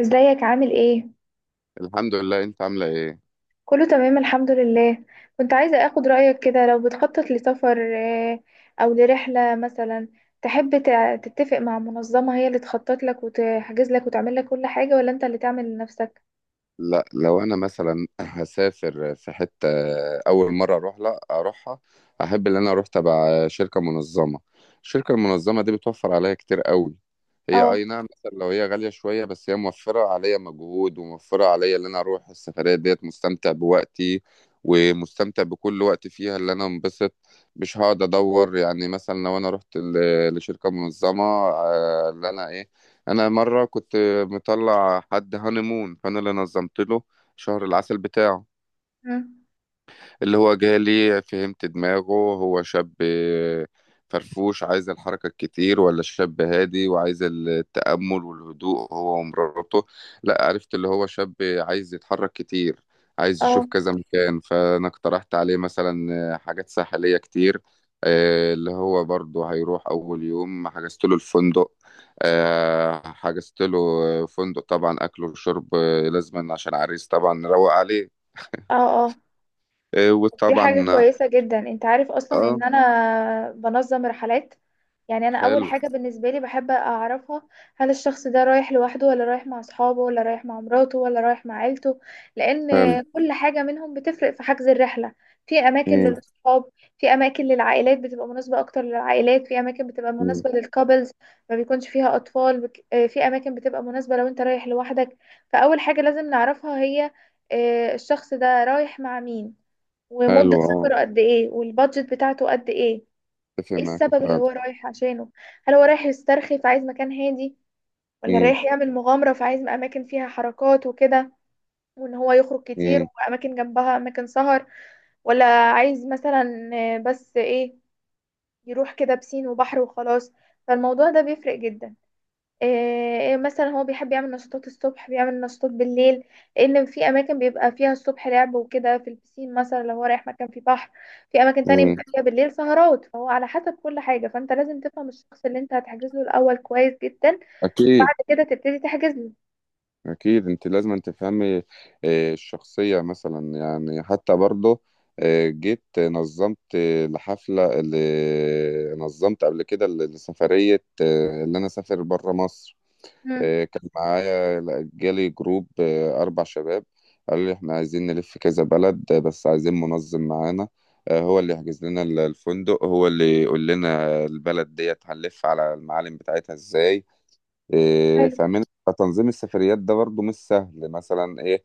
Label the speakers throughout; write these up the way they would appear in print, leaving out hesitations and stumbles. Speaker 1: ازيك عامل ايه؟
Speaker 2: الحمد لله. انت عامله ايه؟
Speaker 1: كله تمام الحمد لله. كنت عايزة اخد رأيك كده، لو بتخطط لسفر او لرحلة مثلا، تحب تتفق مع منظمة هي اللي تخطط لك وتحجز لك وتعمل لك كل حاجة، ولا انت اللي تعمل لنفسك؟
Speaker 2: لا، لو انا مثلا هسافر في حته اول مره اروح، لا اروحها، احب ان انا اروح تبع شركه منظمه. الشركه المنظمه دي بتوفر عليا كتير قوي. هي
Speaker 1: اه.
Speaker 2: اي نعم مثلا لو هي غاليه شويه، بس هي موفره عليا مجهود، وموفره عليا ان انا اروح السفريه ديت مستمتع بوقتي، ومستمتع بكل وقت فيها اللي انا انبسط. مش هقعد ادور، يعني مثلا لو انا رحت لشركه منظمه اللي انا ايه. انا مره كنت مطلع حد هانيمون، فانا اللي نظمت له شهر العسل بتاعه.
Speaker 1: مم.
Speaker 2: اللي هو جالي فهمت دماغه، هو شاب فرفوش عايز الحركة الكتير، ولا شاب هادي وعايز التأمل والهدوء هو ومراته. لا، عرفت اللي هو شاب عايز يتحرك كتير، عايز يشوف
Speaker 1: اه
Speaker 2: كذا مكان، فأنا اقترحت عليه مثلا حاجات ساحلية كتير. اللي هو برضه هيروح أول يوم حجزت له الفندق. حجزت له فندق، طبعا أكل وشرب، لازما عشان عريس طبعا نروق عليه.
Speaker 1: اه اه. دي حاجة
Speaker 2: وطبعا.
Speaker 1: كويسة جدا، انت عارف اصلا
Speaker 2: اه،
Speaker 1: ان انا بنظم رحلات. يعني انا اول
Speaker 2: حلو
Speaker 1: حاجة بالنسبة لي بحب اعرفها، هل الشخص ده رايح لوحده، ولا رايح مع اصحابه، ولا رايح مع مراته، ولا رايح مع عيلته؟ لان
Speaker 2: حلو.
Speaker 1: كل حاجة منهم بتفرق في حجز الرحلة. في اماكن
Speaker 2: مم.
Speaker 1: للاصحاب، في اماكن للعائلات بتبقى مناسبة اكتر للعائلات، في اماكن بتبقى
Speaker 2: مم.
Speaker 1: مناسبة للكابلز ما بيكونش فيها اطفال، في اماكن بتبقى مناسبة لو انت رايح لوحدك. فاول حاجة لازم نعرفها هي الشخص ده رايح مع مين،
Speaker 2: حلو،
Speaker 1: ومدة
Speaker 2: اه.
Speaker 1: سفره قد ايه، والبادجت بتاعته قد ايه.
Speaker 2: اتفق
Speaker 1: ايه
Speaker 2: معاك
Speaker 1: السبب اللي
Speaker 2: فعلا.
Speaker 1: هو رايح عشانه؟ هل هو رايح يسترخي فعايز مكان هادي، ولا
Speaker 2: مم.
Speaker 1: رايح يعمل مغامرة فعايز أماكن فيها حركات وكده، وإن هو يخرج كتير
Speaker 2: مم.
Speaker 1: وأماكن جنبها أماكن سهر، ولا عايز مثلا بس إيه، يروح كده بسين وبحر وخلاص. فالموضوع ده بيفرق جدا. إيه مثلا، هو بيحب يعمل نشاطات الصبح، بيعمل نشاطات بالليل؟ لان في اماكن بيبقى فيها الصبح لعب وكده في البسين مثلا، لو هو رايح مكان فيه بحر. في اماكن تانية
Speaker 2: مم.
Speaker 1: بيبقى فيها بالليل سهرات، فهو على حسب كل حاجة. فانت لازم تفهم الشخص اللي انت هتحجز له الاول كويس جدا،
Speaker 2: اكيد.
Speaker 1: بعد كده تبتدي تحجز له.
Speaker 2: اكيد انت لازم أن تفهمي الشخصيه، مثلا يعني حتى برضه. جيت نظمت الحفله اللي نظمت قبل كده لسفريه اللي انا اسافر بره مصر.
Speaker 1: مم.
Speaker 2: كان معايا، جالي جروب 4 شباب. قالوا لي إحنا عايزين نلف كذا بلد، بس عايزين منظم معانا. هو اللي يحجز لنا الفندق، هو اللي يقول لنا البلد ديت هنلف على المعالم بتاعتها إزاي،
Speaker 1: حلو.
Speaker 2: فاهمين. فتنظيم السفريات ده برضو مش سهل، مثلا إيه.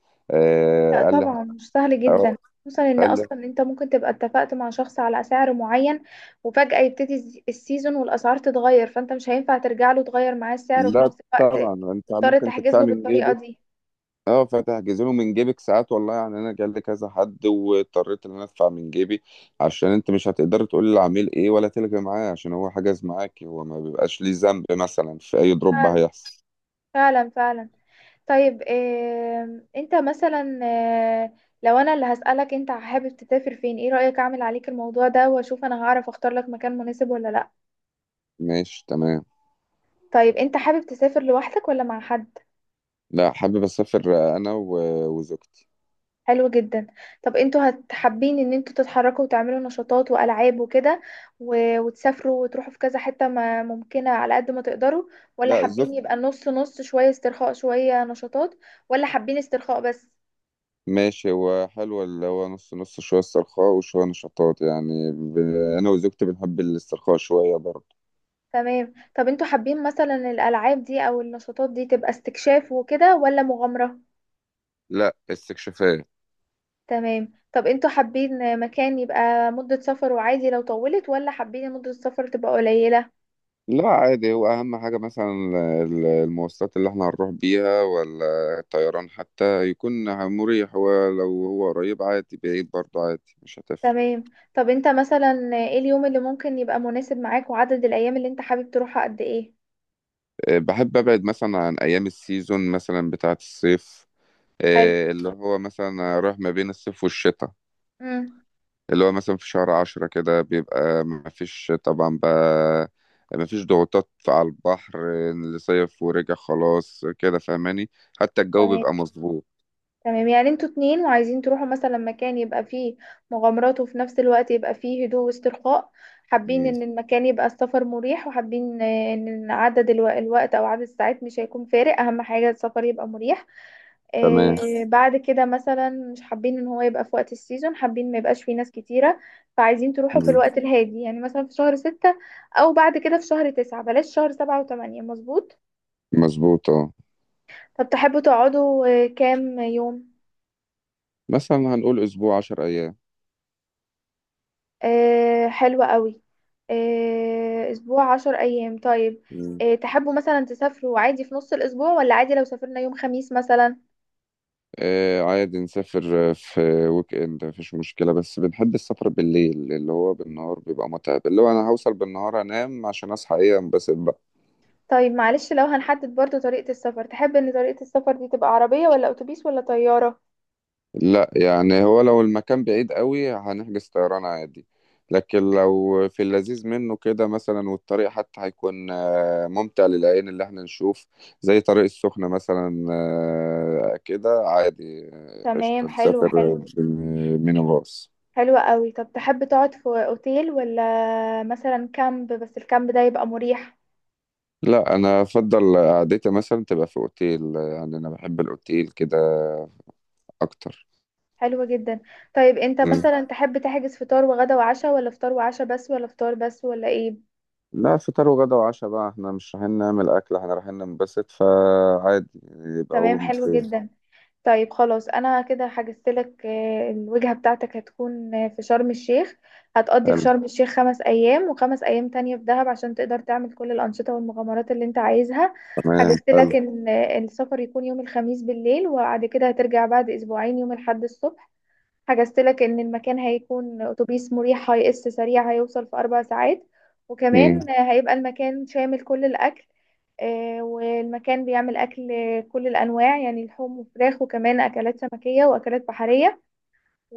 Speaker 1: لا
Speaker 2: آه، قال لي
Speaker 1: طبعا
Speaker 2: إحنا-
Speaker 1: مش سهل
Speaker 2: أو-
Speaker 1: جدا، خصوصا ان
Speaker 2: قال لي.
Speaker 1: اصلا انت ممكن تبقى اتفقت مع شخص على سعر معين، وفجأة يبتدي السيزون والاسعار تتغير، فانت مش هينفع ترجع له تغير معاه السعر، وفي
Speaker 2: لا،
Speaker 1: نفس الوقت
Speaker 2: طبعا أنت
Speaker 1: مضطر
Speaker 2: ممكن
Speaker 1: تحجز
Speaker 2: تدفع
Speaker 1: له
Speaker 2: من
Speaker 1: بالطريقة
Speaker 2: جيبك.
Speaker 1: دي.
Speaker 2: اه، فتحجز له من جيبك ساعات، والله يعني انا جالي كذا حد واضطريت ان انا ادفع من جيبي، عشان انت مش هتقدر تقول للعميل ايه ولا تلغي معاه، عشان هو حجز معاك، هو ما بيبقاش ليه ذنب مثلا في اي دروب
Speaker 1: فعلا.
Speaker 2: هيحصل.
Speaker 1: فعلا فعلا. طيب إيه انت مثلا، لو انا اللي هسألك، انت حابب تسافر فين؟ ايه رأيك اعمل عليك الموضوع ده واشوف انا هعرف اختار لك مكان مناسب ولا لا؟
Speaker 2: ماشي، تمام.
Speaker 1: طيب انت حابب تسافر لوحدك ولا مع حد؟
Speaker 2: لا، حابب اسافر انا وزوجتي.
Speaker 1: حلو جدا. طب انتوا هتحبين ان انتوا تتحركوا وتعملوا نشاطات والعاب وكده، وتسافروا وتروحوا في كذا حتة ما ممكنة على قد ما تقدروا، ولا
Speaker 2: لا،
Speaker 1: حابين
Speaker 2: زوجتي.
Speaker 1: يبقى نص نص، شوية استرخاء شوية نشاطات، ولا حابين استرخاء بس؟
Speaker 2: ماشي، هو حلو اللي هو نص نص شوية استرخاء وشوية نشاطات، يعني انا وزوجتي بنحب الاسترخاء شوية برضه.
Speaker 1: تمام. طب انتوا حابين مثلا الالعاب دي او النشاطات دي تبقى استكشاف وكده ولا مغامرة؟
Speaker 2: لا، استكشافات.
Speaker 1: تمام. طب انتوا حابين مكان يبقى مدة سفر وعادي لو طولت، ولا حابين مدة السفر تبقى قليلة؟
Speaker 2: لا، عادي هو، أهم حاجة مثلا المواصلات اللي احنا هنروح بيها، ولا الطيران حتى يكون مريح، ولو هو قريب عادي، بعيد برضه عادي، مش هتفرق.
Speaker 1: تمام. طب انت مثلا ايه اليوم اللي ممكن يبقى مناسب معاك، وعدد الايام اللي انت حابب تروحها قد ايه؟
Speaker 2: بحب أبعد مثلا عن أيام السيزون مثلا بتاعة الصيف،
Speaker 1: حلو.
Speaker 2: اللي هو مثلا رايح ما بين الصيف والشتاء.
Speaker 1: امم.
Speaker 2: اللي هو مثلا في شهر 10 كده بيبقى مفيش طبعا بقى، مفيش ضغوطات على البحر اللي صيف ورجع خلاص، كده فاهماني، حتى الجو
Speaker 1: تمام.
Speaker 2: بيبقى مظبوط.
Speaker 1: تمام، يعني انتوا اتنين وعايزين تروحوا مثلا مكان يبقى فيه مغامرات، وفي نفس الوقت يبقى فيه هدوء واسترخاء. حابين
Speaker 2: مم.
Speaker 1: ان المكان يبقى السفر مريح، وحابين ان عدد الوقت او عدد الساعات مش هيكون فارق، اهم حاجة السفر يبقى مريح.
Speaker 2: تمام،
Speaker 1: بعد كده مثلا مش حابين ان هو يبقى في وقت السيزون، حابين ما يبقاش فيه ناس كتيرة. فعايزين تروحوا في الوقت الهادي، يعني مثلا في شهر ستة او بعد كده في شهر تسعة، بلاش شهر سبعة وثمانية. مظبوط.
Speaker 2: مظبوط، اه.
Speaker 1: طب تحبوا تقعدوا كام يوم؟
Speaker 2: مثلا هنقول اسبوع، 10 ايام.
Speaker 1: حلوة قوي. اسبوع 10 ايام، طيب.
Speaker 2: مم.
Speaker 1: تحبوا مثلا تسافروا عادي في نص الاسبوع، ولا عادي لو سافرنا يوم خميس مثلا؟
Speaker 2: آه، عادي نسافر. في ويك اند مفيش مشكلة، بس بنحب السفر بالليل، اللي هو بالنهار بيبقى متعب، اللي هو انا هوصل بالنهار انام عشان اصحى ايه انبسط.
Speaker 1: طيب معلش، لو هنحدد برضو طريقة السفر، تحب ان طريقة السفر دي تبقى عربية ولا اتوبيس ولا طيارة؟
Speaker 2: لا، يعني هو لو المكان بعيد قوي هنحجز طيران عادي، لكن لو في اللذيذ منه كده مثلا والطريق حتى هيكون ممتع للعين اللي احنا نشوف، زي طريق السخنة مثلا، كده عادي،
Speaker 1: تمام.
Speaker 2: قشطة
Speaker 1: حلو حلو.
Speaker 2: نسافر بالمينيباص.
Speaker 1: حلو قوي. طب تحب تقعد في اوتيل، ولا مثلا كامب بس الكامب ده يبقى مريح؟
Speaker 2: لا، انا افضل قعدتي مثلا تبقى في اوتيل، يعني انا بحب الاوتيل كده اكتر.
Speaker 1: حلو جدا. طيب انت
Speaker 2: مم.
Speaker 1: مثلا تحب تحجز فطار وغدا وعشاء، ولا فطار وعشاء بس، ولا فطار بس، ولا ايه؟
Speaker 2: لا، فطار وغدا وعشاء بقى، احنا مش رايحين نعمل اكل، احنا رايحين ننبسط فعادي، يبقى هو.
Speaker 1: تمام. حلو جدا. طيب خلاص، انا كده حجزت لك، الوجهة بتاعتك هتكون في شرم الشيخ. هتقضي في شرم الشيخ 5 ايام، وخمس ايام تانية في دهب، عشان تقدر تعمل كل الانشطة والمغامرات اللي انت عايزها.
Speaker 2: تمام،
Speaker 1: حجزت لك
Speaker 2: حلو.
Speaker 1: ان السفر يكون يوم الخميس بالليل، وبعد كده هترجع بعد اسبوعين يوم الاحد الصبح. حجزت لك ان المكان هيكون اتوبيس مريح، هيقص سريع، هيوصل في 4 ساعات،
Speaker 2: مم.
Speaker 1: وكمان هيبقى المكان شامل كل الاكل. والمكان بيعمل اكل كل الانواع، يعني لحوم وفراخ، وكمان اكلات سمكيه واكلات بحريه.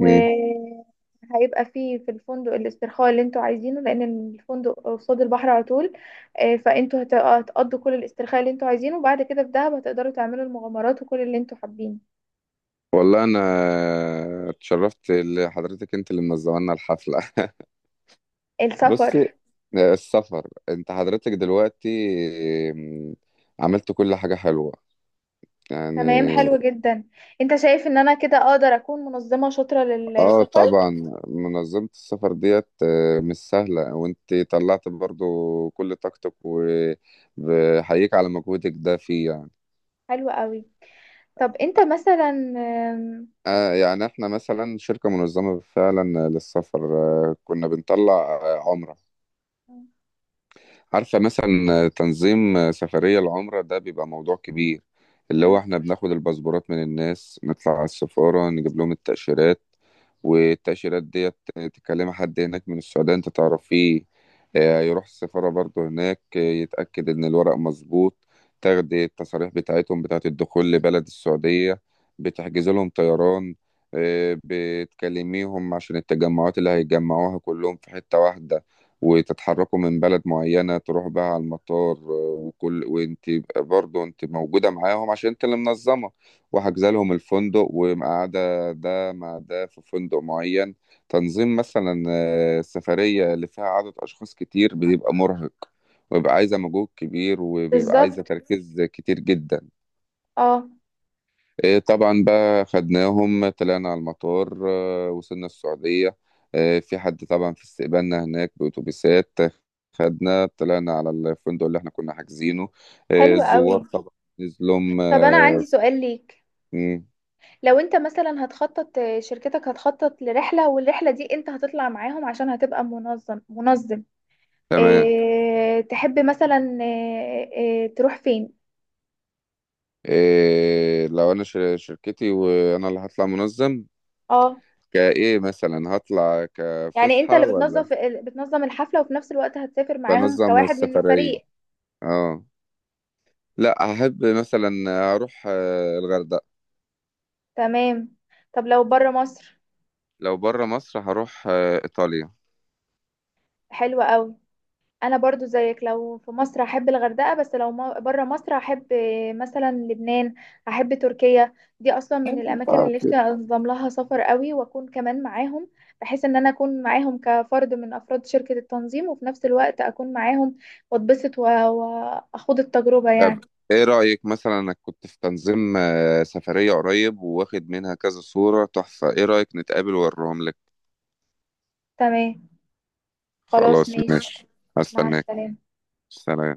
Speaker 2: مم.
Speaker 1: فيه في الفندق الاسترخاء اللي انتوا عايزينه، لان الفندق قصاد البحر على طول. فانتوا هتقضوا كل الاسترخاء اللي انتوا عايزينه، وبعد كده في دهب هتقدروا تعملوا المغامرات وكل اللي انتوا حابين.
Speaker 2: والله انا اتشرفت لحضرتك، انت اللي منظمه لنا الحفله. بصي،
Speaker 1: السفر.
Speaker 2: السفر انت حضرتك دلوقتي. مم. عملت كل حاجه حلوه يعني.
Speaker 1: تمام. حلو جدا. انت شايف ان انا كده اقدر اكون منظمة شاطرة
Speaker 2: اه،
Speaker 1: للسفر؟
Speaker 2: طبعا. منظمه السفر ديت مش سهله، وانت طلعت برضو كل طاقتك، وبحييك على مجهودك ده فيه يعني.
Speaker 1: حلو قوي. طب انت مثلا
Speaker 2: يعني احنا مثلا شركة منظمة فعلا للسفر، كنا بنطلع عمرة. عارفة مثلا تنظيم سفرية العمرة ده بيبقى موضوع كبير، اللي هو
Speaker 1: أم،
Speaker 2: احنا بناخد الباسبورات من الناس، نطلع على السفارة نجيب لهم التأشيرات، والتأشيرات ديت تكلم حد هناك من السعودية انت تعرفيه، يروح السفارة برضه هناك يتأكد ان الورق مظبوط، تاخد التصاريح بتاعتهم بتاعت الدخول لبلد السعودية، بتحجز لهم طيران، بتكلميهم عشان التجمعات اللي هيتجمعوها كلهم في حتة واحدة، وتتحركوا من بلد معينة تروح بقى على المطار، وكل وانت يبقى برضه انت موجودة معاهم عشان انت اللي منظمة، وحاجزة لهم الفندق ومقعدة ده مع ده في فندق معين. تنظيم مثلا سفرية اللي فيها عدد أشخاص كتير بيبقى مرهق، وبيبقى عايزة مجهود كبير، وبيبقى عايزة
Speaker 1: بالظبط.
Speaker 2: تركيز كتير جدا.
Speaker 1: اه.
Speaker 2: إيه طبعا بقى خدناهم طلعنا على المطار، وصلنا السعودية، في حد طبعا في استقبالنا هناك بأتوبيسات، خدنا طلعنا على الفندق اللي احنا كنا حاجزينه،
Speaker 1: حلو قوي.
Speaker 2: الزوار طبعا نزلهم.
Speaker 1: طب انا عندي سؤال ليك،
Speaker 2: مم.
Speaker 1: لو انت مثلا هتخطط، شركتك هتخطط لرحلة، والرحلة دي انت هتطلع معاهم عشان هتبقى منظم.
Speaker 2: تمام.
Speaker 1: اه تحب مثلا، اه تروح فين؟
Speaker 2: إيه لو أنا شركتي وأنا اللي هطلع منظم،
Speaker 1: اه.
Speaker 2: كإيه مثلا هطلع
Speaker 1: يعني انت
Speaker 2: كفسحة
Speaker 1: اللي بتنظم،
Speaker 2: ولا؟
Speaker 1: بتنظم الحفلة، وفي نفس الوقت هتسافر معاهم
Speaker 2: بنظم
Speaker 1: كواحد من
Speaker 2: السفرية.
Speaker 1: الفريق؟
Speaker 2: اه. لا، أحب مثلا أروح الغردقة.
Speaker 1: تمام. طب لو بره مصر؟
Speaker 2: لو بره مصر هروح إيطاليا.
Speaker 1: حلوة قوي. انا برضو زيك، لو في مصر احب الغردقة، بس لو بره مصر احب مثلا لبنان، احب تركيا. دي اصلا من الاماكن
Speaker 2: طبعاً.
Speaker 1: اللي نفسي انظم لها سفر قوي، واكون كمان معاهم، بحيث ان انا اكون معاهم كفرد من افراد شركة التنظيم، وفي نفس الوقت اكون معاهم واتبسط واخوض التجربة
Speaker 2: طب
Speaker 1: يعني.
Speaker 2: إيه رأيك مثلا، أنا كنت في تنظيم سفرية قريب، وواخد منها كذا صورة تحفة، إيه رأيك نتقابل وأوريهم لك؟
Speaker 1: تمام. خلاص
Speaker 2: خلاص،
Speaker 1: ماشي.
Speaker 2: ماشي.
Speaker 1: مع
Speaker 2: هستناك.
Speaker 1: السلامة.
Speaker 2: سلام.